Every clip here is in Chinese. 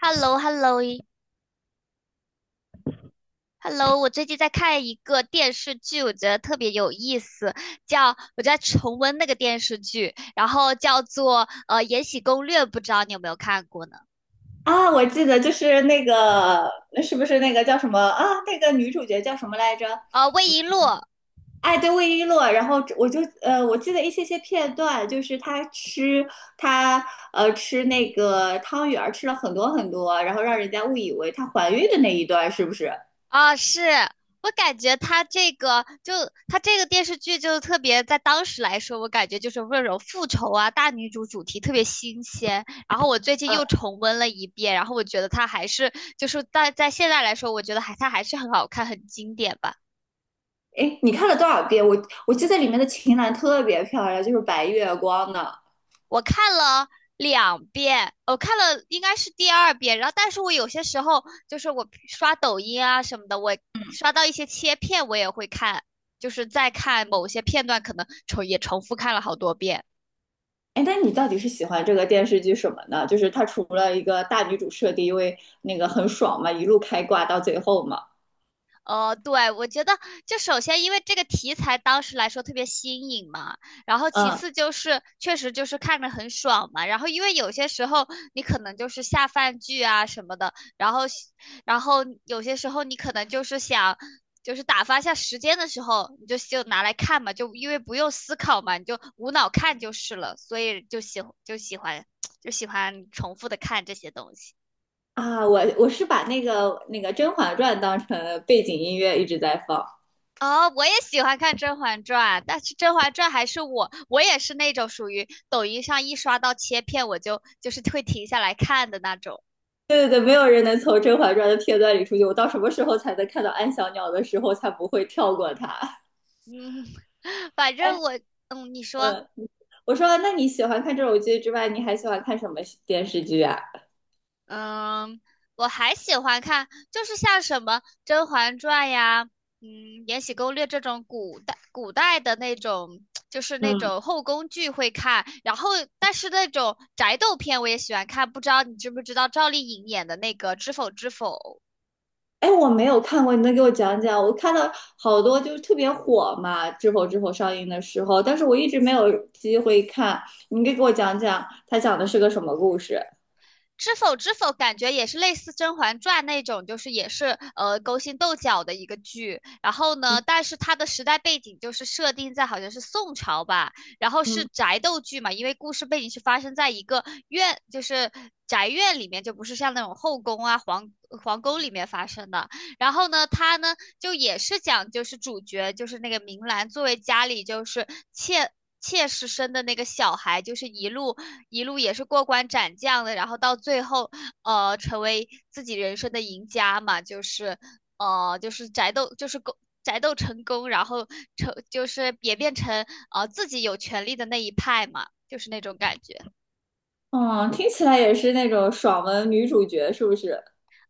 h e l l o h e l l o h e l l o 我最近在看一个电视剧，我觉得特别有意思，叫我在重温那个电视剧，然后叫做《延禧攻略》，不知道你有没有看过呢？啊，我记得就是那个，那是不是那个叫什么啊？那个女主角叫什么来着？魏璎珞哎，对，魏璎珞。然后我就我记得一些些片段，就是她吃那个汤圆儿，吃了很多很多，然后让人家误以为她怀孕的那一段，是不是？啊，是。我感觉她这个电视剧就特别，在当时来说，我感觉就是温柔复仇啊，大女主主题特别新鲜。然后我最近嗯，又重温了一遍，然后我觉得它还是就是在现在来说，我觉得它还是很好看，很经典吧。哎，你看了多少遍？我记得里面的秦岚特别漂亮，就是白月光呢。我看了两遍，我看了应该是第二遍，然后但是我有些时候就是我刷抖音啊什么的，我刷到一些切片，我也会看，就是在看某些片段，可能重复看了好多遍。哎，那你到底是喜欢这个电视剧什么呢？就是它除了一个大女主设定，因为那个很爽嘛，一路开挂到最后嘛。对，我觉得就首先因为这个题材当时来说特别新颖嘛，然后其嗯次就是确实就是看着很爽嘛，然后因为有些时候你可能就是下饭剧啊什么的，然后有些时候你可能就是想就是打发一下时间的时候，你就拿来看嘛，就因为不用思考嘛，你就无脑看就是了，所以就喜欢 就喜欢重复的看这些东西。啊，我是把那个《甄嬛传》当成背景音乐一直在放。哦，我也喜欢看《甄嬛传》，但是《甄嬛传》还是我，我也是那种属于抖音上一刷到切片，我就会停下来看的那种。对对对，没有人能从《甄嬛传》的片段里出去。我到什么时候才能看到安小鸟的时候，才不会跳过它？嗯。反哎，正我。嗯，你说。嗯，我说，那你喜欢看这种剧之外，你还喜欢看什么电视剧啊？嗯，我还喜欢看，就是像什么《甄嬛传》呀，嗯，《延禧攻略》这种古代的那种，就是那嗯种后宫剧会看，然后但是那种宅斗片我也喜欢看，不知道你知不知道赵丽颖演的那个《知否知否》。哎，我没有看过，你能给我讲讲？我看到好多就是特别火嘛，《知否知否》上映的时候，但是我一直没有机会看。你可以给我讲讲，它讲的是个什么故事？知否知否，感觉也是类似《甄嬛传》那种，就是也是勾心斗角的一个剧。然后呢，嗯但是它的时代背景就是设定在好像是宋朝吧，然后是嗯，宅斗剧嘛，因为故事背景是发生在一个院，就是宅院里面，就不是像那种后宫啊、皇宫里面发生的。然后呢，它呢就也是讲就是主角就是那个明兰作为家里就是妾妾室生的那个小孩，就是一路也是过关斩将的，然后到最后成为自己人生的赢家嘛，就是就是宅斗就是狗。宅斗成功，然后成就是也变成自己有权利的那一派嘛，就是那种感觉。嗯，听起来也是那种爽文女主角，是不是？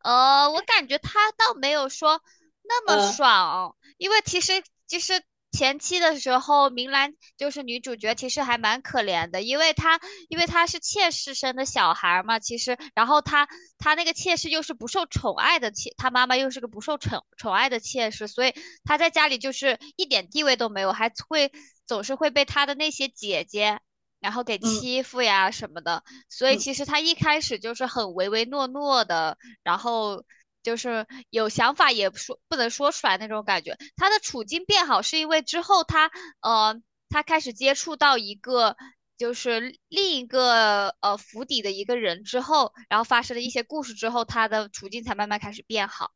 我感觉他倒没有说那么呃爽，因为其实前期的时候，明兰就是女主角，其实还蛮可怜的，因为她是妾室生的小孩儿嘛，其实然后她那个妾室又是不受宠爱的妾，她妈妈又是个不受宠爱的妾室，所以她在家里就是一点地位都没有，还会总是会被她的那些姐姐。然后给嗯欺负呀什么的，所以嗯，其实她一开始就是很唯唯诺诺的，然后就是有想法也说不能说出来那种感觉。他的处境变好是因为之后呃他开始接触到一个就是另一个府邸的一个人之后，然后发生了一些故事之后，他的处境才慢慢开始变好。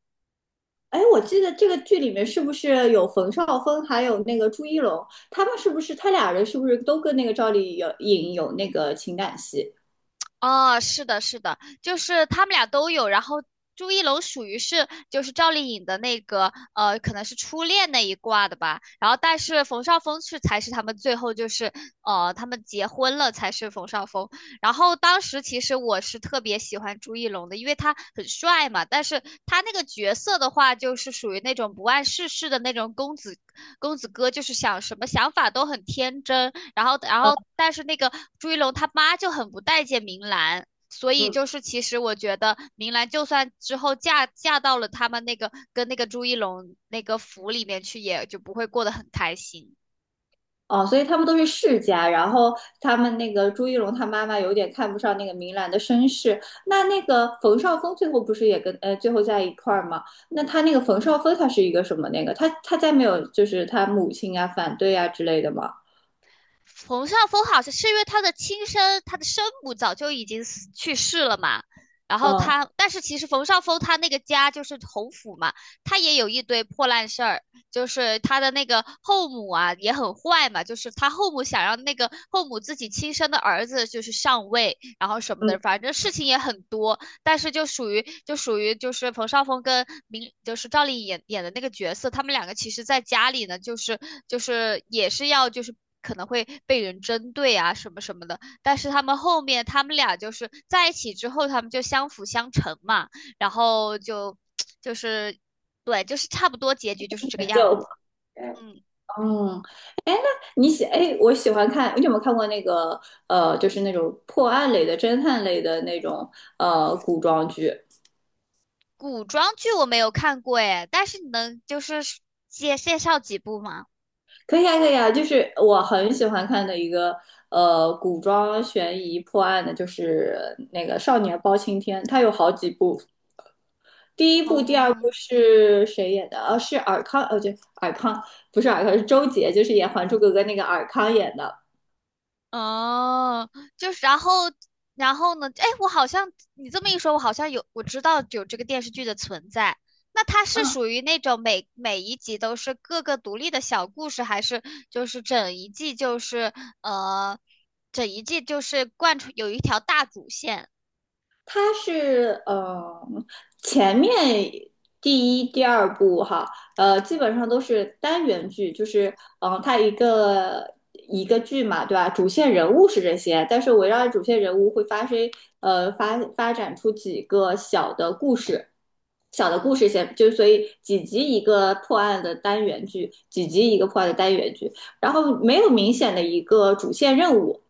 哎，我记得这个剧里面是不是有冯绍峰，还有那个朱一龙，他们是不是他俩人是不是都跟那个赵丽颖有那个情感戏？哦，是的，是的，就是他们俩都有。然后朱一龙属于是就是赵丽颖的那个可能是初恋那一挂的吧。然后但是冯绍峰是才是他们最后就是他们结婚了才是冯绍峰。然后当时其实我是特别喜欢朱一龙的，因为他很帅嘛，但是他那个角色的话，就是属于那种不谙世事的那种公子哥，就是想什么想法都很天真，然后然呃后但是那个朱一龙他妈就很不待见明兰。所以嗯就是，其实我觉得明兰就算之后嫁到了他们那个跟那个朱一龙那个府里面去，也就不会过得很开心。哦，所以他们都是世家，然后他们那个朱一龙他妈妈有点看不上那个明兰的身世。那那个冯绍峰最后不是也跟最后在一块儿吗？那他那个冯绍峰他是一个什么那个？他家没有就是他母亲啊反对啊之类的吗？冯绍峰好像是因为他的生母早就已经死去世了嘛，然后嗯他，但是其实冯绍峰他那个家就是侯府嘛，他也有一堆破烂事儿，就是他的那个后母啊也很坏嘛，就是他后母想让那个后母自己亲生的儿子就是上位，然后什么嗯，的，反正事情也很多，但是就属于就是冯绍峰跟就是赵丽颖演的那个角色，他们两个其实在家里呢，就是就是也是要就是可能会被人针对啊什么什么的，但是他们后面他们俩就是在一起之后，他们就相辅相成嘛，然后就 就是对，就是差不多结局就是这个样就子。嗯，嗯，哎，那你喜哎，我喜欢看，你有没有看过那个就是那种破案类的、侦探类的那种古装剧？古装剧我没有看过诶，但是你能就是介绍几部吗？可以啊，可以啊，就是我很喜欢看的一个古装悬疑破案的，就是那个《少年包青天》，它有好几部，第一部、第二哦。部是谁演的？是尔康，对，尔康不是尔康，是周杰，就是演《还珠格格》那个尔康演的。哦，就是，然后。然后呢？哎，我好像你这么一说，我好像有，我知道有这个电视剧的存在。那它是啊属于那种每一集都是各个独立的小故事，还是就是整一季就是呃，整一季就是贯穿有一条大主线？它是前面第一、第二部哈，呃，基本上都是单元剧，就是它一个剧嘛，对吧？主线人物是这些，但是围绕着主线人物会发生发展出几个小的故事。小的故事线，就所以几集一个破案的单元剧，几集一个破案的单元剧，然后没有明显的一个主线任务，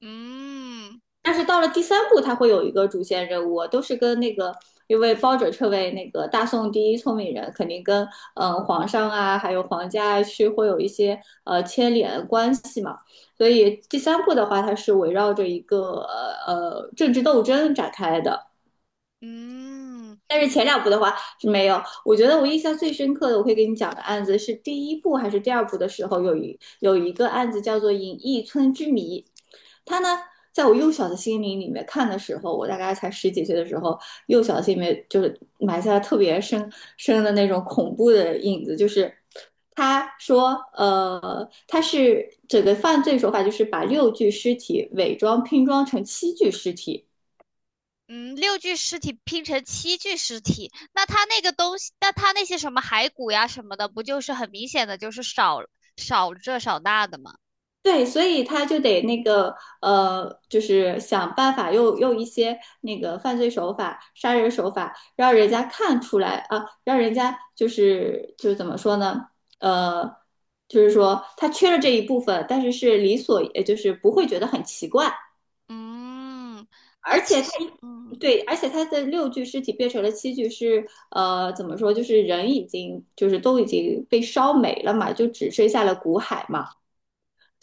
嗯但是到了第三部，它会有一个主线任务，啊都是跟那个，因为包拯这位那个大宋第一聪明人，肯定跟皇上啊，还有皇家啊是会有一些牵连关系嘛。所以第三部的话，它是围绕着一个政治斗争展开的，嗯，但是前两部的话是没有。我觉得我印象最深刻的，我会给你讲的案子是第一部还是第二部的时候，有一个案子叫做《隐逸村之谜》，它呢，在我幼小的心灵里面看的时候，我大概才十几岁的时候，幼小的心里面就是埋下了特别深的那种恐怖的影子，就是。他说，他是整个犯罪手法就是把六具尸体伪装拼装成七具尸体，嗯，六具尸体拼成七具尸体，那他那个东西，那他那些什么骸骨呀什么的，不就是很明显的就是少这少那的吗？对，所以他就得那个就是想办法用一些那个犯罪手法、杀人手法，让人家看出来啊，让人家就是怎么说呢？呃，就是说他缺了这一部分，但是是理所，也就是不会觉得很奇怪，嗯，那而且其他实，一嗯，对，而且他的六具尸体变成了七具是怎么说？就是人已经都已经被烧没了嘛，就只剩下了骨骸嘛。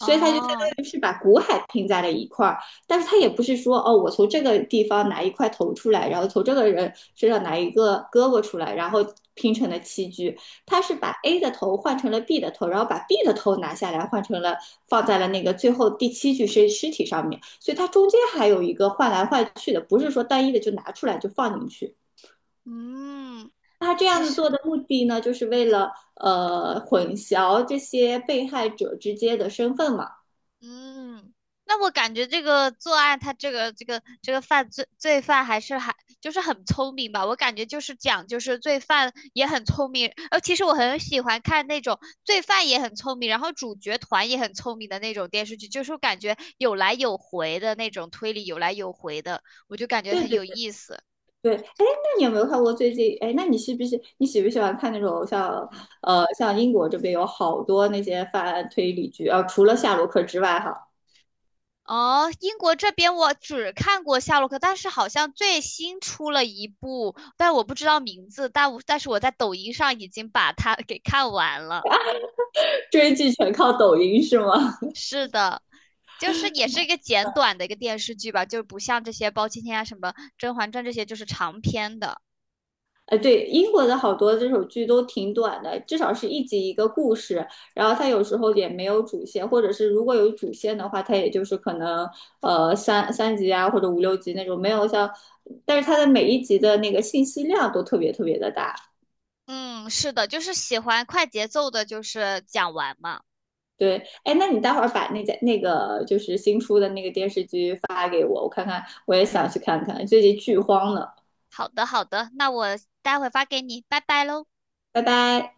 所以它就相当于是把股海拼在了一块儿，但是它也不是说哦，我从这个地方拿一块头出来，然后从这个人身上拿一个胳膊出来，然后拼成了七具。它是把 A 的头换成了 B 的头，然后把 B 的头拿下来换成了放在了那个最后第七具尸体上面，所以它中间还有一个换来换去的，不是说单一的就拿出来就放进去。嗯，他那这其样子实。做的目的呢，就是为了混淆这些被害者之间的身份嘛。嗯，那我感觉这个作案，他这个罪犯还是还就是很聪明吧。我感觉就是讲，就是罪犯也很聪明。其实我很喜欢看那种罪犯也很聪明，然后主角团也很聪明的那种电视剧，就是我感觉有来有回的那种推理，有来有回的，我就感觉对很对有意思。对，哎，那你有没有看过最近？哎，那你是不是你喜不喜欢看那种像像英国这边有好多那些犯案推理剧啊、除了夏洛克之外哈，哦，英国这边我只看过夏洛克，但是好像最新出了一部，但我不知道名字，但是我在抖音上已经把它给看完了。追剧全靠抖音是吗？是的，就是也是一个简短的一个电视剧吧，就是不像这些包青天啊、什么《甄嬛传》这些就是长篇的。哎，对，英国的好多这种剧都挺短的，至少是一集一个故事，然后它有时候也没有主线，或者是如果有主线的话，它也就是可能三集啊或者五六集那种，没有像，但是它的每一集的那个信息量都特别特别的大。嗯，是的，就是喜欢快节奏的，就是讲完嘛。对，哎，那你待会儿把那家那个就是新出的那个电视剧发给我，我看看，我也想去看看，最近剧荒呢。好的，好的，那我待会发给你，拜拜喽。拜拜。